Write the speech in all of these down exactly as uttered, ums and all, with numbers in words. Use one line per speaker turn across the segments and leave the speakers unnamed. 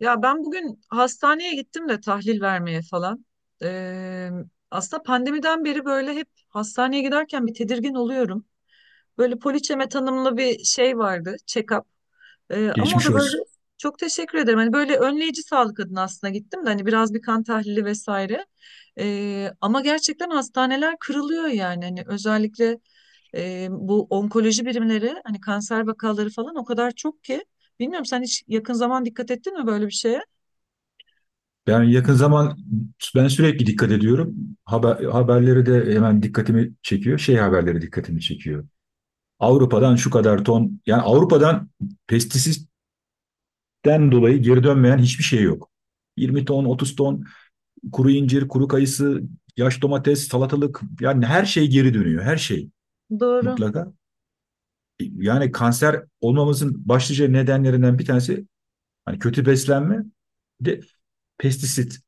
Ya ben bugün hastaneye gittim de tahlil vermeye falan. Ee, aslında pandemiden beri böyle hep hastaneye giderken bir tedirgin oluyorum. Böyle poliçeme tanımlı bir şey vardı, check-up. Ee, ama o
Geçmiş
da böyle
olsun.
çok teşekkür ederim. Hani böyle önleyici sağlık adına aslında gittim de hani biraz bir kan tahlili vesaire. Ee, ama gerçekten hastaneler kırılıyor yani. Hani özellikle e, bu onkoloji birimleri hani kanser vakaları falan o kadar çok ki. Bilmiyorum sen hiç yakın zaman dikkat ettin mi böyle bir şeye?
Ben yakın zaman ben sürekli dikkat ediyorum. Haber, haberleri de hemen dikkatimi çekiyor. Şey haberleri dikkatimi çekiyor. Avrupa'dan şu kadar ton yani Avrupa'dan pestisitten dolayı geri dönmeyen hiçbir şey yok. yirmi ton, otuz ton kuru incir, kuru kayısı, yaş domates, salatalık yani her şey geri dönüyor. Her şey
Doğru.
mutlaka. Yani kanser olmamızın başlıca nedenlerinden bir tanesi hani kötü beslenme, bir de pestisit.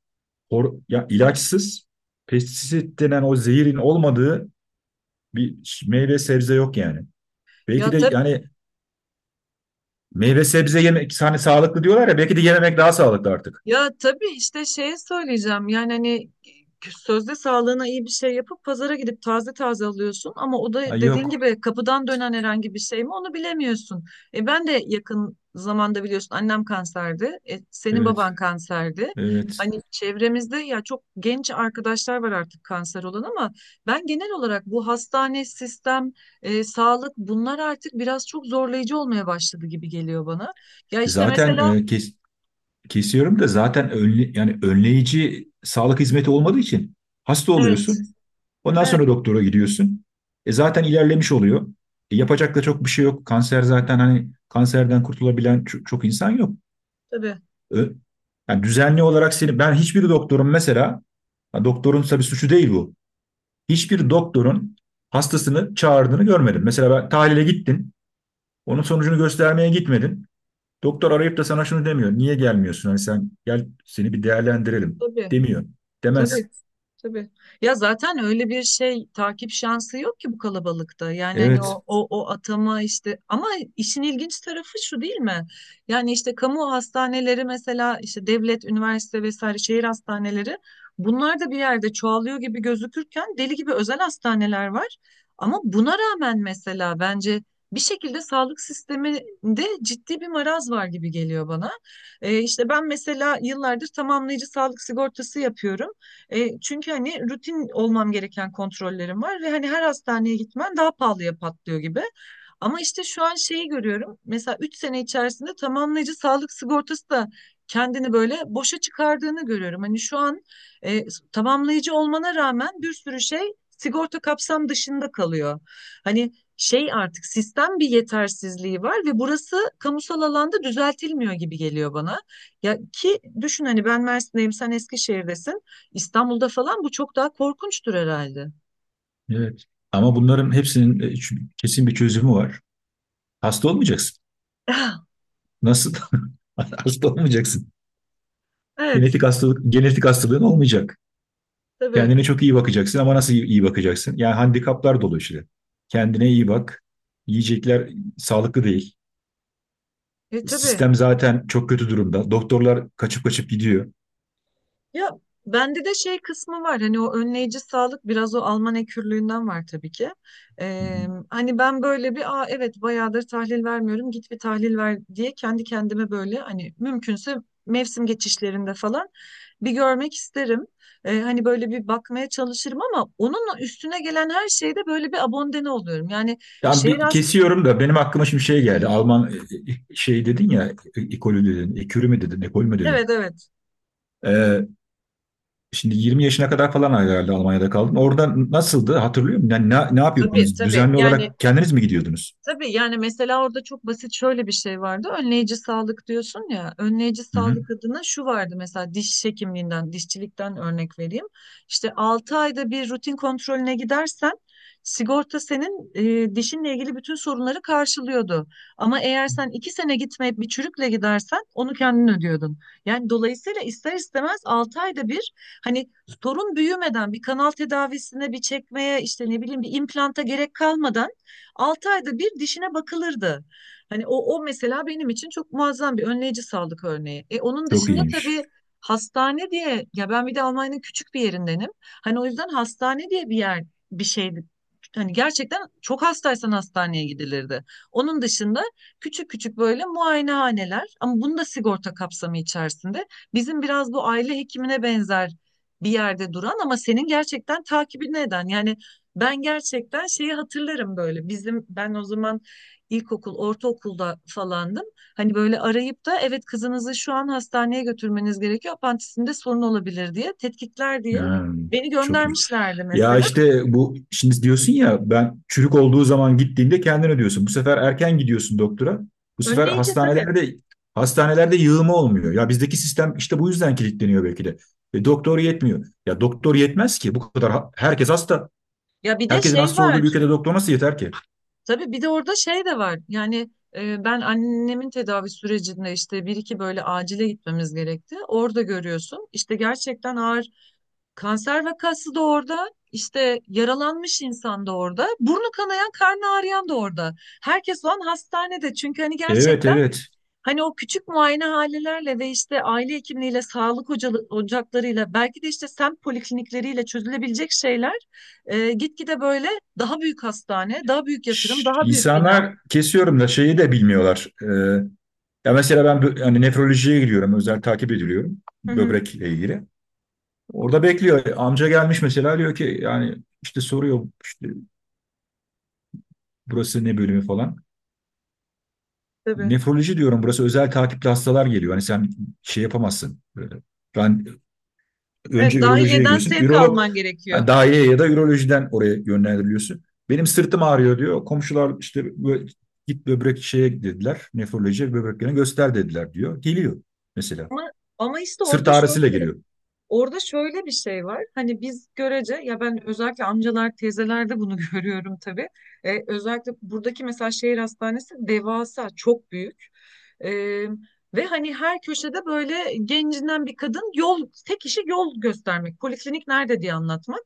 hor- Ya ilaçsız pestisit denen o zehirin olmadığı bir meyve sebze yok yani.
Ya
Belki de
tab
yani meyve sebze yemek hani sağlıklı diyorlar ya belki de yememek daha sağlıklı artık.
ya tabii işte şeye söyleyeceğim. Yani hani e, sözde sağlığına iyi bir şey yapıp pazara gidip taze taze alıyorsun ama o da
Ay
dediğin
yok.
gibi kapıdan dönen herhangi bir şey mi onu bilemiyorsun. E ben de yakın zamanda biliyorsun annem kanserdi. E, senin
Evet.
baban kanserdi.
Evet.
Hani çevremizde ya çok genç arkadaşlar var artık kanser olan ama ben genel olarak bu hastane, sistem, e, sağlık bunlar artık biraz çok zorlayıcı olmaya başladı gibi geliyor bana. Ya işte
Zaten
mesela.
e, kes- kesiyorum da zaten önle, yani önleyici sağlık hizmeti olmadığı için hasta
Evet,
oluyorsun. Ondan
evet
sonra doktora gidiyorsun. E zaten ilerlemiş oluyor. E yapacak da çok bir şey yok. Kanser zaten hani kanserden kurtulabilen ço- çok insan yok.
tabii,
Yani düzenli olarak seni ben hiçbir doktorun mesela doktorun tabii suçu değil bu. Hiçbir doktorun hastasını çağırdığını görmedim. Mesela ben tahlile gittin. Onun sonucunu göstermeye gitmedin. Doktor arayıp da sana şunu demiyor. Niye gelmiyorsun? Hani sen gel seni bir değerlendirelim
tabii.
demiyor. Demez.
Tabii, tabii. Ya zaten öyle bir şey takip şansı yok ki bu kalabalıkta. Yani hani
Evet.
o o o atama işte ama işin ilginç tarafı şu değil mi? Yani işte kamu hastaneleri mesela işte devlet, üniversite vesaire şehir hastaneleri bunlar da bir yerde çoğalıyor gibi gözükürken deli gibi özel hastaneler var. Ama buna rağmen mesela bence bir şekilde sağlık sisteminde ciddi bir maraz var gibi geliyor bana. Ee, işte ben mesela yıllardır tamamlayıcı sağlık sigortası yapıyorum. E, çünkü hani rutin olmam gereken kontrollerim var ve hani her hastaneye gitmen daha pahalıya patlıyor gibi. Ama işte şu an şeyi görüyorum. Mesela üç sene içerisinde tamamlayıcı sağlık sigortası da kendini böyle boşa çıkardığını görüyorum. Hani şu an e, tamamlayıcı olmana rağmen bir sürü şey sigorta kapsam dışında kalıyor. Hani şey artık sistem bir yetersizliği var ve burası kamusal alanda düzeltilmiyor gibi geliyor bana. Ya ki düşün hani ben Mersin'deyim, sen Eskişehir'desin. İstanbul'da falan bu çok daha korkunçtur herhalde.
Evet. Ama bunların hepsinin e, ç- kesin bir çözümü var. Hasta olmayacaksın. Nasıl? Hasta olmayacaksın.
Evet,
Genetik hastalık, genetik hastalığın olmayacak.
tabii.
Kendine çok iyi bakacaksın ama nasıl iyi iyi bakacaksın? Yani handikaplar dolu işte. Kendine iyi bak. Yiyecekler sağlıklı değil.
E tabii.
Sistem zaten çok kötü durumda. Doktorlar kaçıp kaçıp gidiyor.
Ya bende de şey kısmı var. Hani o önleyici sağlık biraz o Alman ekürlüğünden var tabii ki.
Hı hı.
Ee, hani ben böyle bir Aa, evet bayağıdır tahlil vermiyorum. Git bir tahlil ver diye kendi kendime böyle hani mümkünse mevsim geçişlerinde falan bir görmek isterim. Ee, hani böyle bir bakmaya çalışırım ama onunla üstüne gelen her şeyde böyle bir abondene oluyorum. Yani
Yani
şehir
bir
az.
kesiyorum da benim aklıma şimdi şey geldi. Alman e, e, şey dedin ya, e- ekolü dedin, ekürü mü dedin, ekol mü dedin?
Evet evet
Ee, Şimdi yirmi yaşına kadar falan herhalde Almanya'da kaldın. Orada nasıldı hatırlıyor musun? Yani ne, ne
tabii
yapıyordunuz?
tabii
Düzenli
yani.
olarak kendiniz mi gidiyordunuz?
Tabii yani mesela orada çok basit şöyle bir şey vardı. Önleyici sağlık diyorsun ya. Önleyici
Hı hı.
sağlık adına şu vardı mesela diş hekimliğinden, dişçilikten örnek vereyim. İşte altı ayda bir rutin kontrolüne gidersen sigorta senin e, dişinle ilgili bütün sorunları karşılıyordu. Ama eğer sen iki sene gitmeyip bir çürükle gidersen onu kendin ödüyordun. Yani dolayısıyla ister istemez altı ayda bir hani sorun büyümeden bir kanal tedavisine bir çekmeye işte ne bileyim bir implanta gerek kalmadan altı ayda bir dişine bakılırdı. Hani o, o mesela benim için çok muazzam bir önleyici sağlık örneği. E, onun
Çok
dışında
iyiymiş.
tabii hastane diye ya ben bir de Almanya'nın küçük bir yerindenim. Hani o yüzden hastane diye bir yer bir şey hani gerçekten çok hastaysan hastaneye gidilirdi. Onun dışında küçük küçük böyle muayenehaneler ama bunu da sigorta kapsamı içerisinde. Bizim biraz bu aile hekimine benzer bir yerde duran ama senin gerçekten takibini eden yani ben gerçekten şeyi hatırlarım böyle. Bizim ben o zaman ilkokul, ortaokulda falandım. Hani böyle arayıp da evet kızınızı şu an hastaneye götürmeniz gerekiyor. Apantisinde sorun olabilir diye, tetkikler diye
Ha,
beni
çok iyi.
göndermişlerdi
Ya
mesela.
işte bu şimdi diyorsun ya ben çürük olduğu zaman gittiğinde kendin ödüyorsun. Bu sefer erken gidiyorsun doktora. Bu sefer
Önleyici tabii.
hastanelerde hastanelerde yığılma olmuyor. Ya bizdeki sistem işte bu yüzden kilitleniyor belki de. E, doktor yetmiyor. Ya doktor yetmez ki. Bu kadar ha- herkes hasta.
Ya bir de
Herkesin
şey
hasta
var.
olduğu bir ülkede doktor nasıl yeter ki?
Tabii bir de orada şey de var. Yani e, ben annemin tedavi sürecinde işte bir iki böyle acile gitmemiz gerekti. Orada görüyorsun. İşte gerçekten ağır. Kanser vakası da orada, işte yaralanmış insan da orada, burnu kanayan, karnı ağrıyan da orada. Herkes o an hastanede çünkü hani
Evet,
gerçekten
evet.
hani o küçük muayenehanelerle ve işte aile hekimliğiyle, sağlık hocalı- ocaklarıyla, belki de işte semt poliklinikleriyle çözülebilecek şeyler e, gitgide böyle daha büyük hastane, daha büyük yatırım,
Şş,
daha büyük bina.
İnsanlar kesiyorum da şeyi de bilmiyorlar. Ee, ya mesela ben bö- hani nefrolojiye gidiyorum. Özel takip ediliyorum
Hı hı,
böbrekle ilgili. Orada bekliyor. Amca gelmiş mesela diyor ki yani işte soruyor işte burası ne bölümü falan.
tabii.
Nefroloji diyorum burası özel takipli hastalar geliyor. Hani sen şey yapamazsın. Böyle. Ben
Evet,
önce ürolojiye
dahiliyeden
gidiyorsun.
sevk
Ürolog
alman gerekiyor.
yani daireye ya da ürolojiden oraya yönlendiriliyorsun. Benim sırtım ağrıyor diyor. Komşular işte bö- git böbrek şeye dediler. Nefrolojiye böbreklerini göster dediler diyor. Geliyor mesela.
Ama, ama işte
Sırt
orada
ağrısıyla
şöyle.
geliyor.
Orada şöyle bir şey var. Hani biz görece ya ben özellikle amcalar, teyzelerde bunu görüyorum tabii. Ee, özellikle buradaki mesela şehir hastanesi devasa, çok büyük. Ee, ve hani her köşede böyle gencinden bir kadın yol, tek işi yol göstermek. Poliklinik nerede diye anlatmak.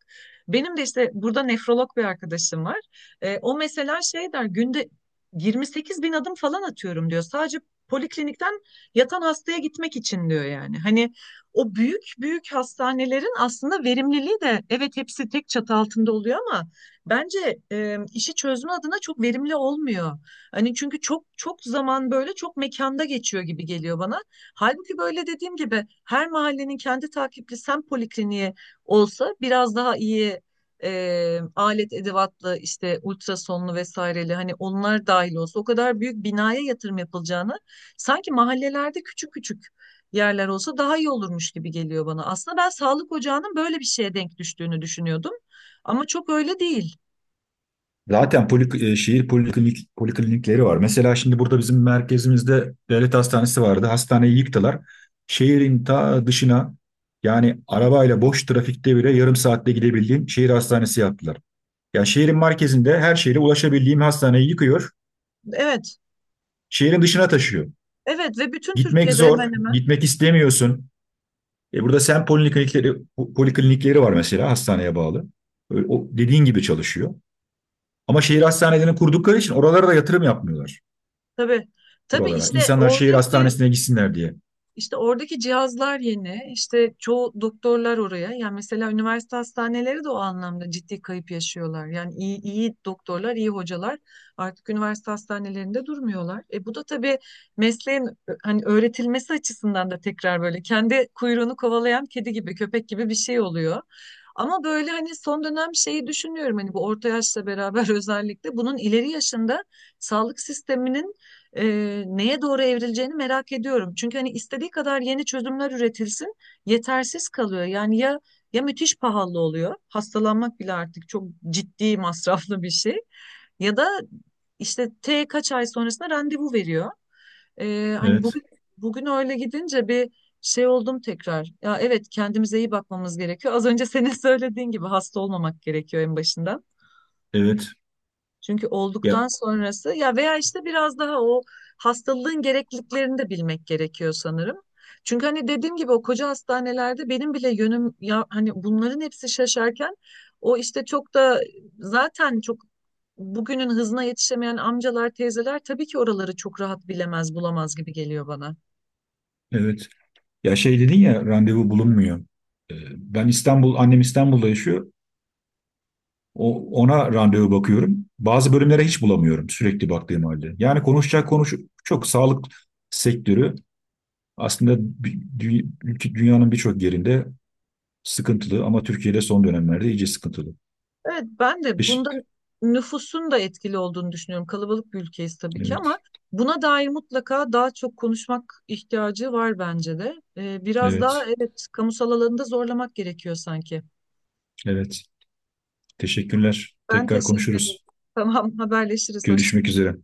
Benim de işte burada nefrolog bir arkadaşım var. Ee, o mesela şey der günde yirmi sekiz bin adım falan atıyorum diyor. Sadece poliklinikten yatan hastaya gitmek için diyor yani. Hani o büyük büyük hastanelerin aslında verimliliği de evet hepsi tek çatı altında oluyor ama bence e, işi çözme adına çok verimli olmuyor. Hani çünkü çok çok zaman böyle çok mekanda geçiyor gibi geliyor bana. Halbuki böyle dediğim gibi her mahallenin kendi takipli semt polikliniği olsa biraz daha iyi e, alet edevatlı işte ultrasonlu vesaireli hani onlar dahil olsa o kadar büyük binaya yatırım yapılacağını sanki mahallelerde küçük küçük yerler olsa daha iyi olurmuş gibi geliyor bana. Aslında ben sağlık ocağının böyle bir şeye denk düştüğünü düşünüyordum. Ama çok öyle değil.
Zaten polik, e, şehir poliklinik, poliklinikleri var. Mesela şimdi burada bizim merkezimizde devlet hastanesi vardı. Hastaneyi yıktılar. Şehrin ta dışına yani arabayla boş trafikte bile yarım saatte gidebildiğim şehir hastanesi yaptılar. Yani şehrin merkezinde her şehre ulaşabildiğim hastaneyi yıkıyor.
Evet.
Şehrin dışına taşıyor.
Evet ve bütün
Gitmek
Türkiye'de hemen
zor.
hemen.
Gitmek istemiyorsun. E burada sen poliklinikleri, poliklinikleri var mesela hastaneye bağlı. Öyle, o dediğin gibi çalışıyor. Ama şehir hastanelerini kurdukları için oralara da yatırım yapmıyorlar.
Tabii. Tabii
Buralara.
işte
İnsanlar şehir
oradaki.
hastanesine gitsinler diye.
İşte oradaki cihazlar yeni. İşte çoğu doktorlar oraya. Yani mesela üniversite hastaneleri de o anlamda ciddi kayıp yaşıyorlar. Yani iyi, iyi doktorlar, iyi hocalar artık üniversite hastanelerinde durmuyorlar. E bu da tabii mesleğin ö- hani öğretilmesi açısından da tekrar böyle kendi kuyruğunu kovalayan kedi gibi, köpek gibi bir şey oluyor. Ama böyle hani son dönem şeyi düşünüyorum hani bu orta yaşla beraber özellikle bunun ileri yaşında sağlık sisteminin e, neye doğru evrileceğini merak ediyorum. Çünkü hani istediği kadar yeni çözümler üretilsin, yetersiz kalıyor. Yani ya ya müthiş pahalı oluyor, hastalanmak bile artık çok ciddi masraflı bir şey. Ya da işte T kaç ay sonrasında randevu veriyor. E, hani
Evet,
bugün bugün öyle gidince bir şey oldum tekrar. Ya evet kendimize iyi bakmamız gerekiyor. Az önce senin söylediğin gibi hasta olmamak gerekiyor en başından.
evet.
Çünkü
Ya
olduktan sonrası ya veya işte biraz daha o hastalığın gerekliliklerini de bilmek gerekiyor sanırım. Çünkü hani dediğim gibi o koca hastanelerde benim bile yönüm ya hani bunların hepsi şaşarken o işte çok da zaten çok bugünün hızına yetişemeyen amcalar, teyzeler tabii ki oraları çok rahat bilemez, bulamaz gibi geliyor bana.
evet. Ya şey dedin ya randevu bulunmuyor. Ee, Ben İstanbul, annem İstanbul'da yaşıyor. O, ona randevu bakıyorum. Bazı bölümlere hiç bulamıyorum sürekli baktığım halde. Yani konuşacak konuş çok sağlık sektörü aslında dü- dü- ülke- dünyanın birçok yerinde sıkıntılı ama Türkiye'de son dönemlerde iyice sıkıntılı.
Evet ben de bunda
Beş-
nüfusun da etkili olduğunu düşünüyorum. Kalabalık bir ülkeyiz tabii ki ama
Evet,
buna dair mutlaka daha çok konuşmak ihtiyacı var bence de. Ee, biraz daha
evet,
evet kamusal alanında zorlamak gerekiyor sanki.
evet. Teşekkürler.
Ben
Tekrar
teşekkür ederim.
konuşuruz.
Tamam haberleşiriz. Hoşça
Görüşmek üzere.